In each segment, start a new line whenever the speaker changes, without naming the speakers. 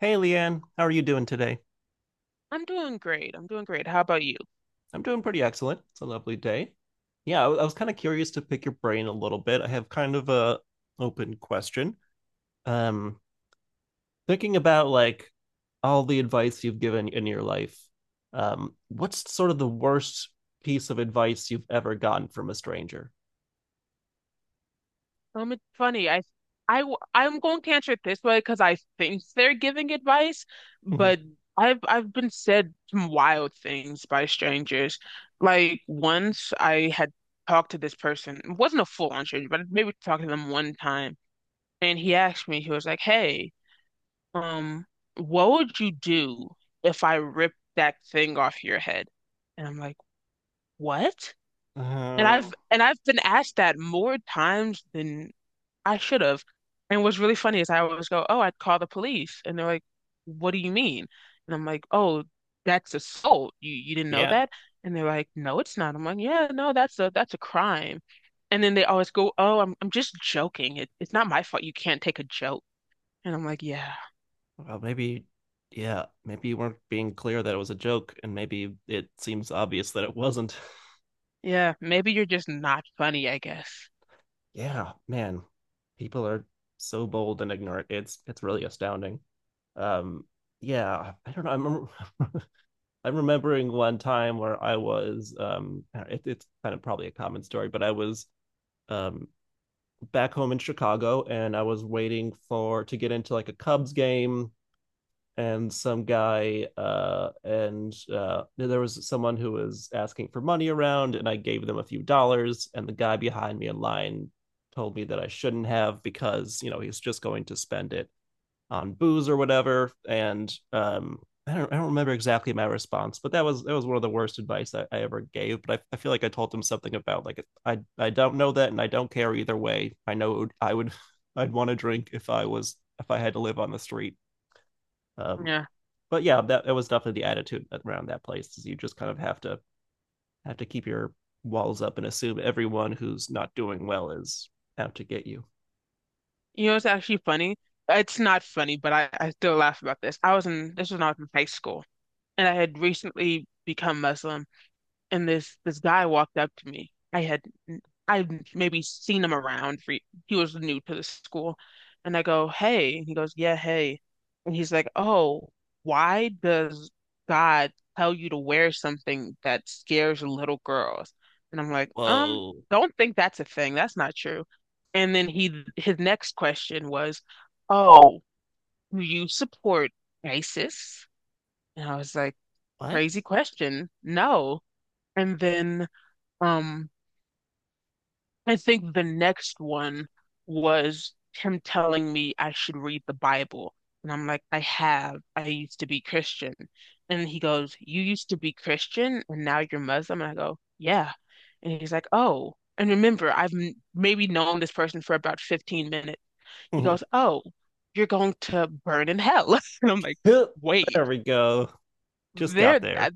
Hey, Leanne, how are you doing today?
I'm doing great. I'm doing great. How about you?
I'm doing pretty excellent. It's a lovely day. Yeah, I was kind of curious to pick your brain a little bit. I have kind of a open question. Um, thinking about like all the advice you've given in your life, what's sort of the worst piece of advice you've ever gotten from a stranger?
It's funny. I'm going to answer it this way because I think they're giving advice,
Mhm.
but I've been said some wild things by strangers. Like once I had talked to this person. It wasn't a full-on stranger, but maybe talked to them one time, and he asked me. He was like, "Hey, um, what would you do if I ripped that thing off your head?" And I'm like, "What?" And
Uh,
I've and I've been asked that more times than I should have. And what's really funny is I always go, "Oh, I'd call the police," and they're like, "What do you mean?" And I'm like, "Oh, that's assault. You didn't know
yeah.
that?" And they're like, "No, it's not." I'm like, "Yeah, no, that's a crime." And then they always go, "Oh, I'm just joking. It's not my fault. You can't take a joke." And I'm like, "Yeah,
Well, maybe, yeah, maybe you weren't being clear that it was a joke, and maybe it seems obvious that it wasn't.
yeah, maybe you're just not funny, I guess."
Yeah, man, people are so bold and ignorant. It's really astounding. Um, yeah, I don't know. I'm I'm remembering one time where I was it's kind of probably a common story, but I was um back home in Chicago and I was waiting for to get into like a Cubs game and some guy and there was someone who was asking for money around and I gave them a few dollars and the guy behind me in line told me that I shouldn't have because he's just going to spend it on booze or whatever and I don't remember exactly my response, but that was one of the worst advice I ever gave. But I feel like I told them something about like I don't know that and I don't care either way. I know I would I'd want to drink if I was if I had to live on the street. Um,
Yeah.
but yeah, that was definitely the attitude around that place. Is you just kind of have to keep your walls up and assume everyone who's not doing well is out to get you.
You know, it's actually funny. It's not funny, but I still laugh about this. This was when I was in high school, and I had recently become Muslim, and this guy walked up to me. I'd maybe seen him around, for he was new to the school, and I go, "Hey," and he goes, "Yeah, hey," and he's like, "Oh, why does God tell you to wear something that scares little girls?" And I'm like, "Um,
Whoa.
don't think that's a thing. That's not true." And then he his next question was, "Oh, do you support ISIS?" And I was like,
What?
"Crazy question. No." And then um, I think the next one was him telling me I should read the Bible. And I'm like, "I have. I used to be Christian." And he goes, "You used to be Christian and now you're Muslim?" And I go, "Yeah." And he's like, "Oh." And remember, I've m maybe known this person for about 15 minutes. He
Mm-hmm.
goes, "Oh, you're going to burn in hell." And I'm like, "Wait,
There we go. Just got
there,
there.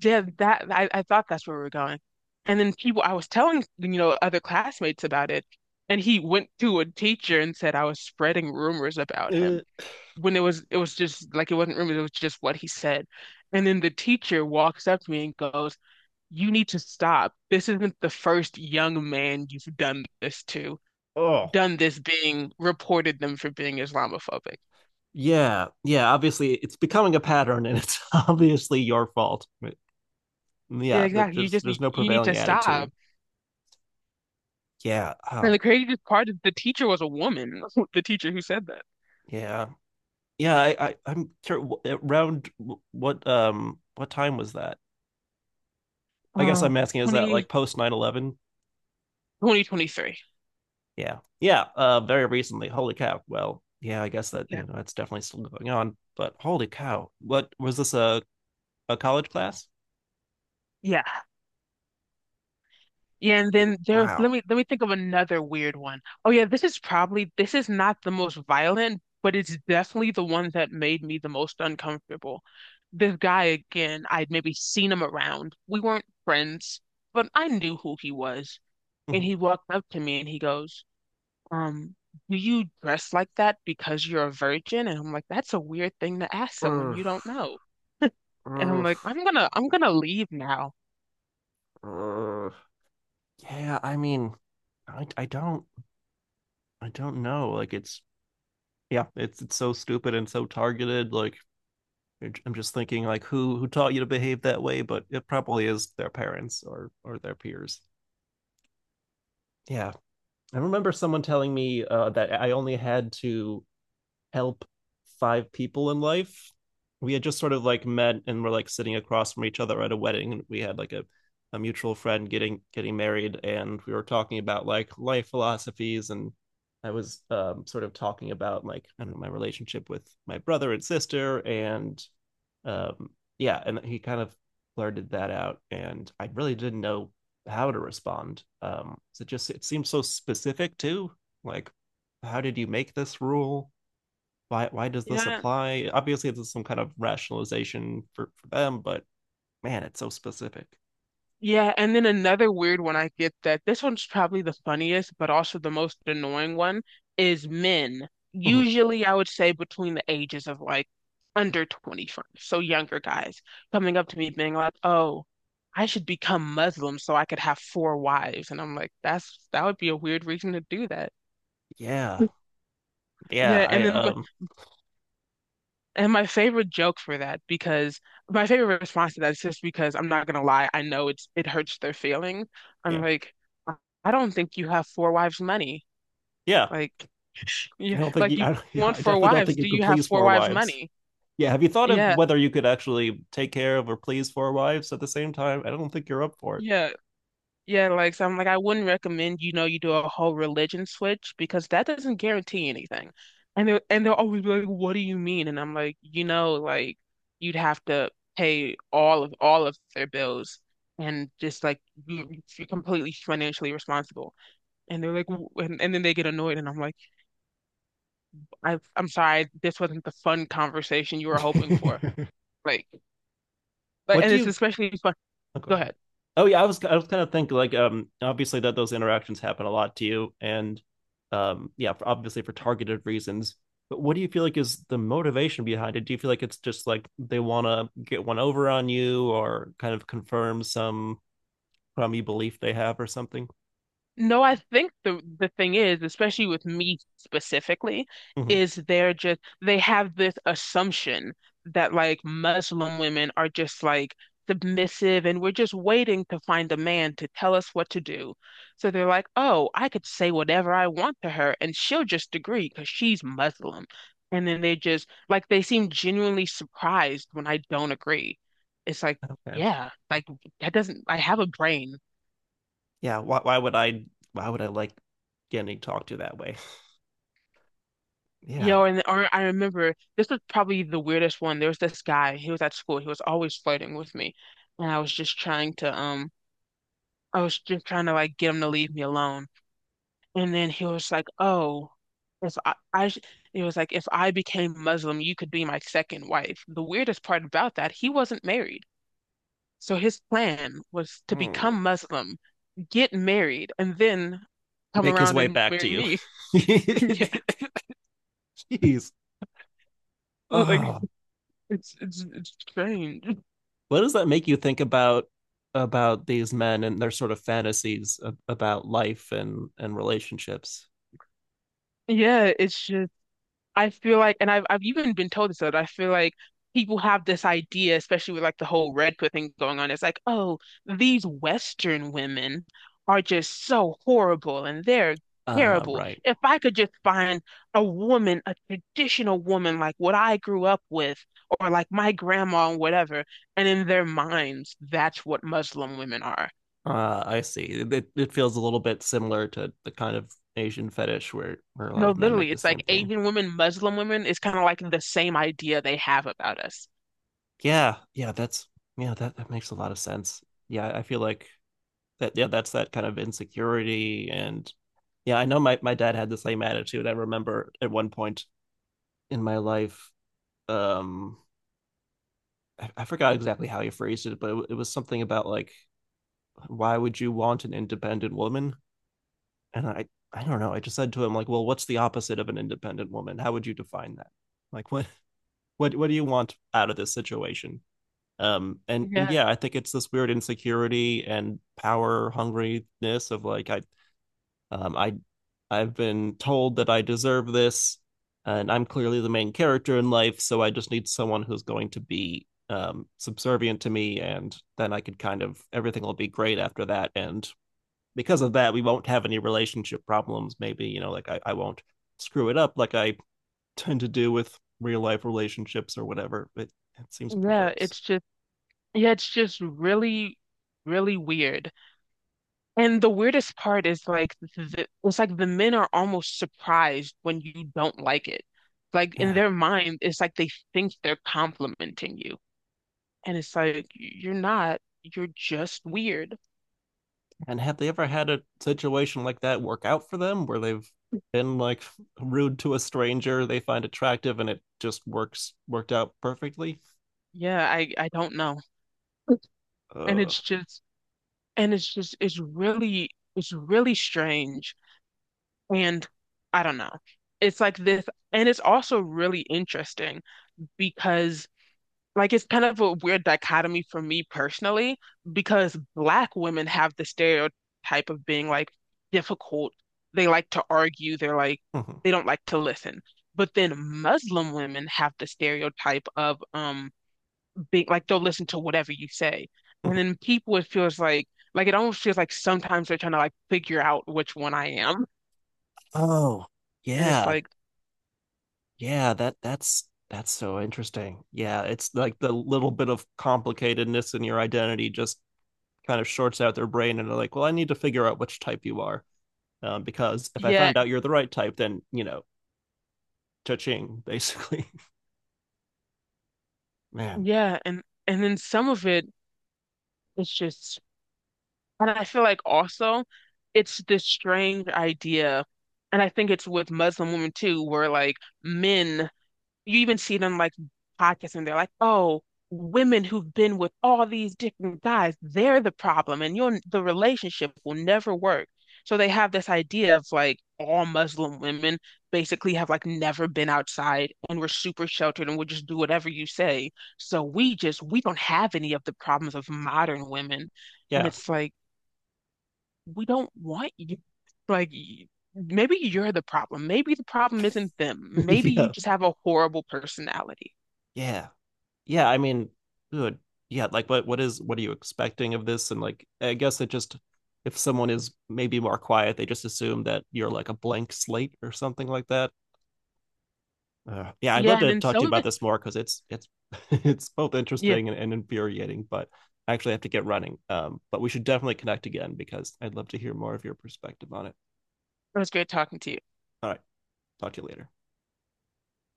yeah, that I thought that's where we were going." And then people, I was telling other classmates about it, and he went to a teacher and said I was spreading rumors about
Uh,
him. When it was just like it wasn't rumors, it was just what he said. And then the teacher walks up to me and goes, "You need to stop. This isn't the first young man you've done this to,
oh.
done this being reported them for being Islamophobic."
Yeah, yeah. Obviously, it's becoming a pattern, and it's obviously your fault.
Yeah,
Yeah, that
exactly. You
there's
just
there's
need
no
you need to
prevailing attitude.
stop.
Yeah.
And
Oh,
the craziest part is the teacher was a woman, the teacher who said that.
yeah, yeah. I'm curious. Around what time was that? I guess
uh,
I'm asking, is that
20,
like post 9/11?
2023.
Yeah. Yeah. Very recently. Holy cow. Well, yeah, I guess that, you
Yeah.
know, that's definitely still going on. But holy cow. What was this a college class?
Yeah. Yeah, and then there, let
Wow.
me let me think of another weird one. Oh yeah, this is not the most violent, but it's definitely the one that made me the most uncomfortable. This guy again, I'd maybe seen him around. We weren't friends, but I knew who he was. And
Mhm.
he walked up to me and he goes, um, "Do you dress like that because you're a virgin?" And I'm like, "That's a weird thing to ask someone
Ugh,
you don't know." And I'm
ugh,
like, I'm gonna leave now."
ugh. Yeah. I mean, I, I don't, I don't know. Like it's, yeah, it's so stupid and so targeted. Like, I'm just thinking like who taught you to behave that way, but it probably is their parents or their peers. Yeah, I remember someone telling me that I only had to help five people in life. We had just sort of like met and were like sitting across from each other at a wedding, and we had like a mutual friend getting married, and we were talking about like life philosophies, and I was sort of talking about like I don't know my relationship with my brother and sister, and um yeah and he kind of blurted that out and I really didn't know how to respond so it just it seems so specific too like how did you make this rule why does this
Yeah.
apply obviously there's some kind of rationalization for them but man it's so specific.
Yeah, and then another weird one I get that this one's probably the funniest, but also the most annoying one is men.
Mm-hmm.
Usually, I would say between the ages of like under 25, so younger guys coming up to me being like, "Oh, I should become Muslim so I could have four wives." And I'm like, "That would be a weird reason to do that."
yeah yeah
Yeah,
I
and then and my favorite joke for that, because my favorite response to that is, just because I'm not gonna lie, I know it hurts their feelings. I'm
Yeah,
like, I I don't think you have four wives' money.
yeah,
Like,
i
you,
don't think
like
you,
you
I, yeah,
want
I
four
definitely don't
wives.
think you
Do
could
you have
please
four
four
wives'
wives.
money?"
Yeah, have you thought of
Yeah,
whether you could actually take care of or please four wives at the same time? I don't think you're up for it.
yeah. Yeah, like so I'm like I wouldn't recommend you do a whole religion switch because that doesn't guarantee anything. And they'll always be like, "What do you mean?" And I'm like, Like you'd have to pay all of their bills, and just like you're completely financially responsible." And they're like, "And then they get annoyed," and I'm like, I'm sorry, this wasn't the fun conversation you were hoping for." Like, but
What
and
do
it's
you?
especially fun.
Oh, go
Go
ahead.
ahead.
Oh yeah, I was kind of thinking like obviously that those interactions happen a lot to you and yeah obviously for targeted reasons. But what do you feel like is the motivation behind it? Do you feel like it's just like they want to get one over on you or kind of confirm some crummy belief they have or something?
No, I think the thing is, especially with me specifically,
Hmm.
is they have this assumption that like Muslim women are just like submissive, and we're just waiting to find a man to tell us what to do. So they're like, "Oh, I could say whatever I want to her and she'll just agree because she's Muslim." And then they just like they seem genuinely surprised when I don't agree. It's like,
Okay.
yeah, like that doesn't I have a brain.
Yeah. Why would I like getting talked to that way? Yeah.
Yo, and or I remember this was probably the weirdest one. There was this guy, he was at school, he was always flirting with me. And I was just trying to like get him to leave me alone. And then he was like, "Oh, if I, I sh-" he was like, "If I became Muslim, you could be my second wife." The weirdest part about that, he wasn't married. So his plan was to
Hmm.
become Muslim, get married, and then come
Make his
around
way
and
back to
marry
you.
me. Yeah,
Jeez.
like
Oh.
it's strange.
What does that make you think about these men and their sort of fantasies about life and relationships?
Yeah, it's just I feel like, and I've even been told this, that I feel like people have this idea, especially with like the whole red pill thing going on. It's like, "Oh, these Western women are just so horrible and they're terrible.
Right.
If I could just find a woman, a traditional woman like what I grew up with, or like my grandma and whatever," and in their minds, that's what Muslim women are.
I see. It feels a little bit similar to the kind of Asian fetish where a lot
No,
of men make
literally,
the
it's
same
like
thing.
Asian women, Muslim women is kind of like the same idea they have about us.
Yeah, yeah, that's yeah, that that makes a lot of sense. Yeah, I feel like that yeah, that's that kind of insecurity and yeah, I know my my dad had the same attitude. I remember at one point in my life um I- forgot exactly how you phrased it, but it was something about like, why would you want an independent woman? And I don't know. I just said to him like, well, what's the opposite of an independent woman? How would you define that? Like, what, what do you want out of this situation? And yeah, I think it's this weird insecurity and power hungriness of like, um, I I've been told that I deserve this, and I'm clearly the main character in life, so I just need someone who's going to be subservient to me, and then I could kind of everything will be great after that. And because of that, we won't have any relationship problems. Maybe you know, like I won't screw it up like I tend to do with real life relationships or whatever. It seems
Yeah,
perverse.
it's just really, really weird. And the weirdest part is it's like the men are almost surprised when you don't like it. Like in
Yeah,
their mind, it's like they think they're complimenting you. And it's like you're not, you're just weird.
and have they ever had a situation like that work out for them where they've been like rude to a stranger they find attractive and it just works worked out perfectly?
Yeah, I don't know. And
Uh,
it's just and it's really strange. And I don't know. It's like this, and it's also really interesting because like it's kind of a weird dichotomy for me personally because black women have the stereotype of being like difficult. They like to argue, they don't like to listen. But then Muslim women have the stereotype of being like they'll listen to whatever you say. And then people it feels like, it almost feels like sometimes they're trying to like figure out which one I am.
oh,
And it's
yeah.
like,
Yeah, that's so interesting. Yeah, it's like the little bit of complicatedness in your identity just kind of shorts out their brain and they're like, "Well, I need to figure out which type you are." Because if I
yeah,
find out you're the right type, then, you know, cha-ching, basically. Man,
yeah, and then some of it it's just. And I feel like also it's this strange idea, and I think it's with Muslim women too, where like men, you even see them like podcasts, and they're like, "Oh, women who've been with all these different guys, they're the problem, and your the relationship will never work." So they have this idea of like all Muslim women basically have like never been outside, and we're super sheltered, and we'll just do whatever you say. So we don't have any of the problems of modern women. And
yeah.
it's like we don't want you. Like, maybe you're the problem. Maybe the problem isn't them. Maybe you
Yeah.
just have a horrible personality.
Yeah. Yeah, I mean, good. Yeah, like what is what are you expecting of this? And like I guess it just if someone is maybe more quiet, they just assume that you're like a blank slate or something like that. Yeah, I'd love
Yeah, and
to
then
talk to you
some of
about
it,
this more because it's it's both
yeah,
interesting and infuriating, but I actually have to get running. But we should definitely connect again because I'd love to hear more of your perspective on it.
it was great talking to you.
All right, talk to you later.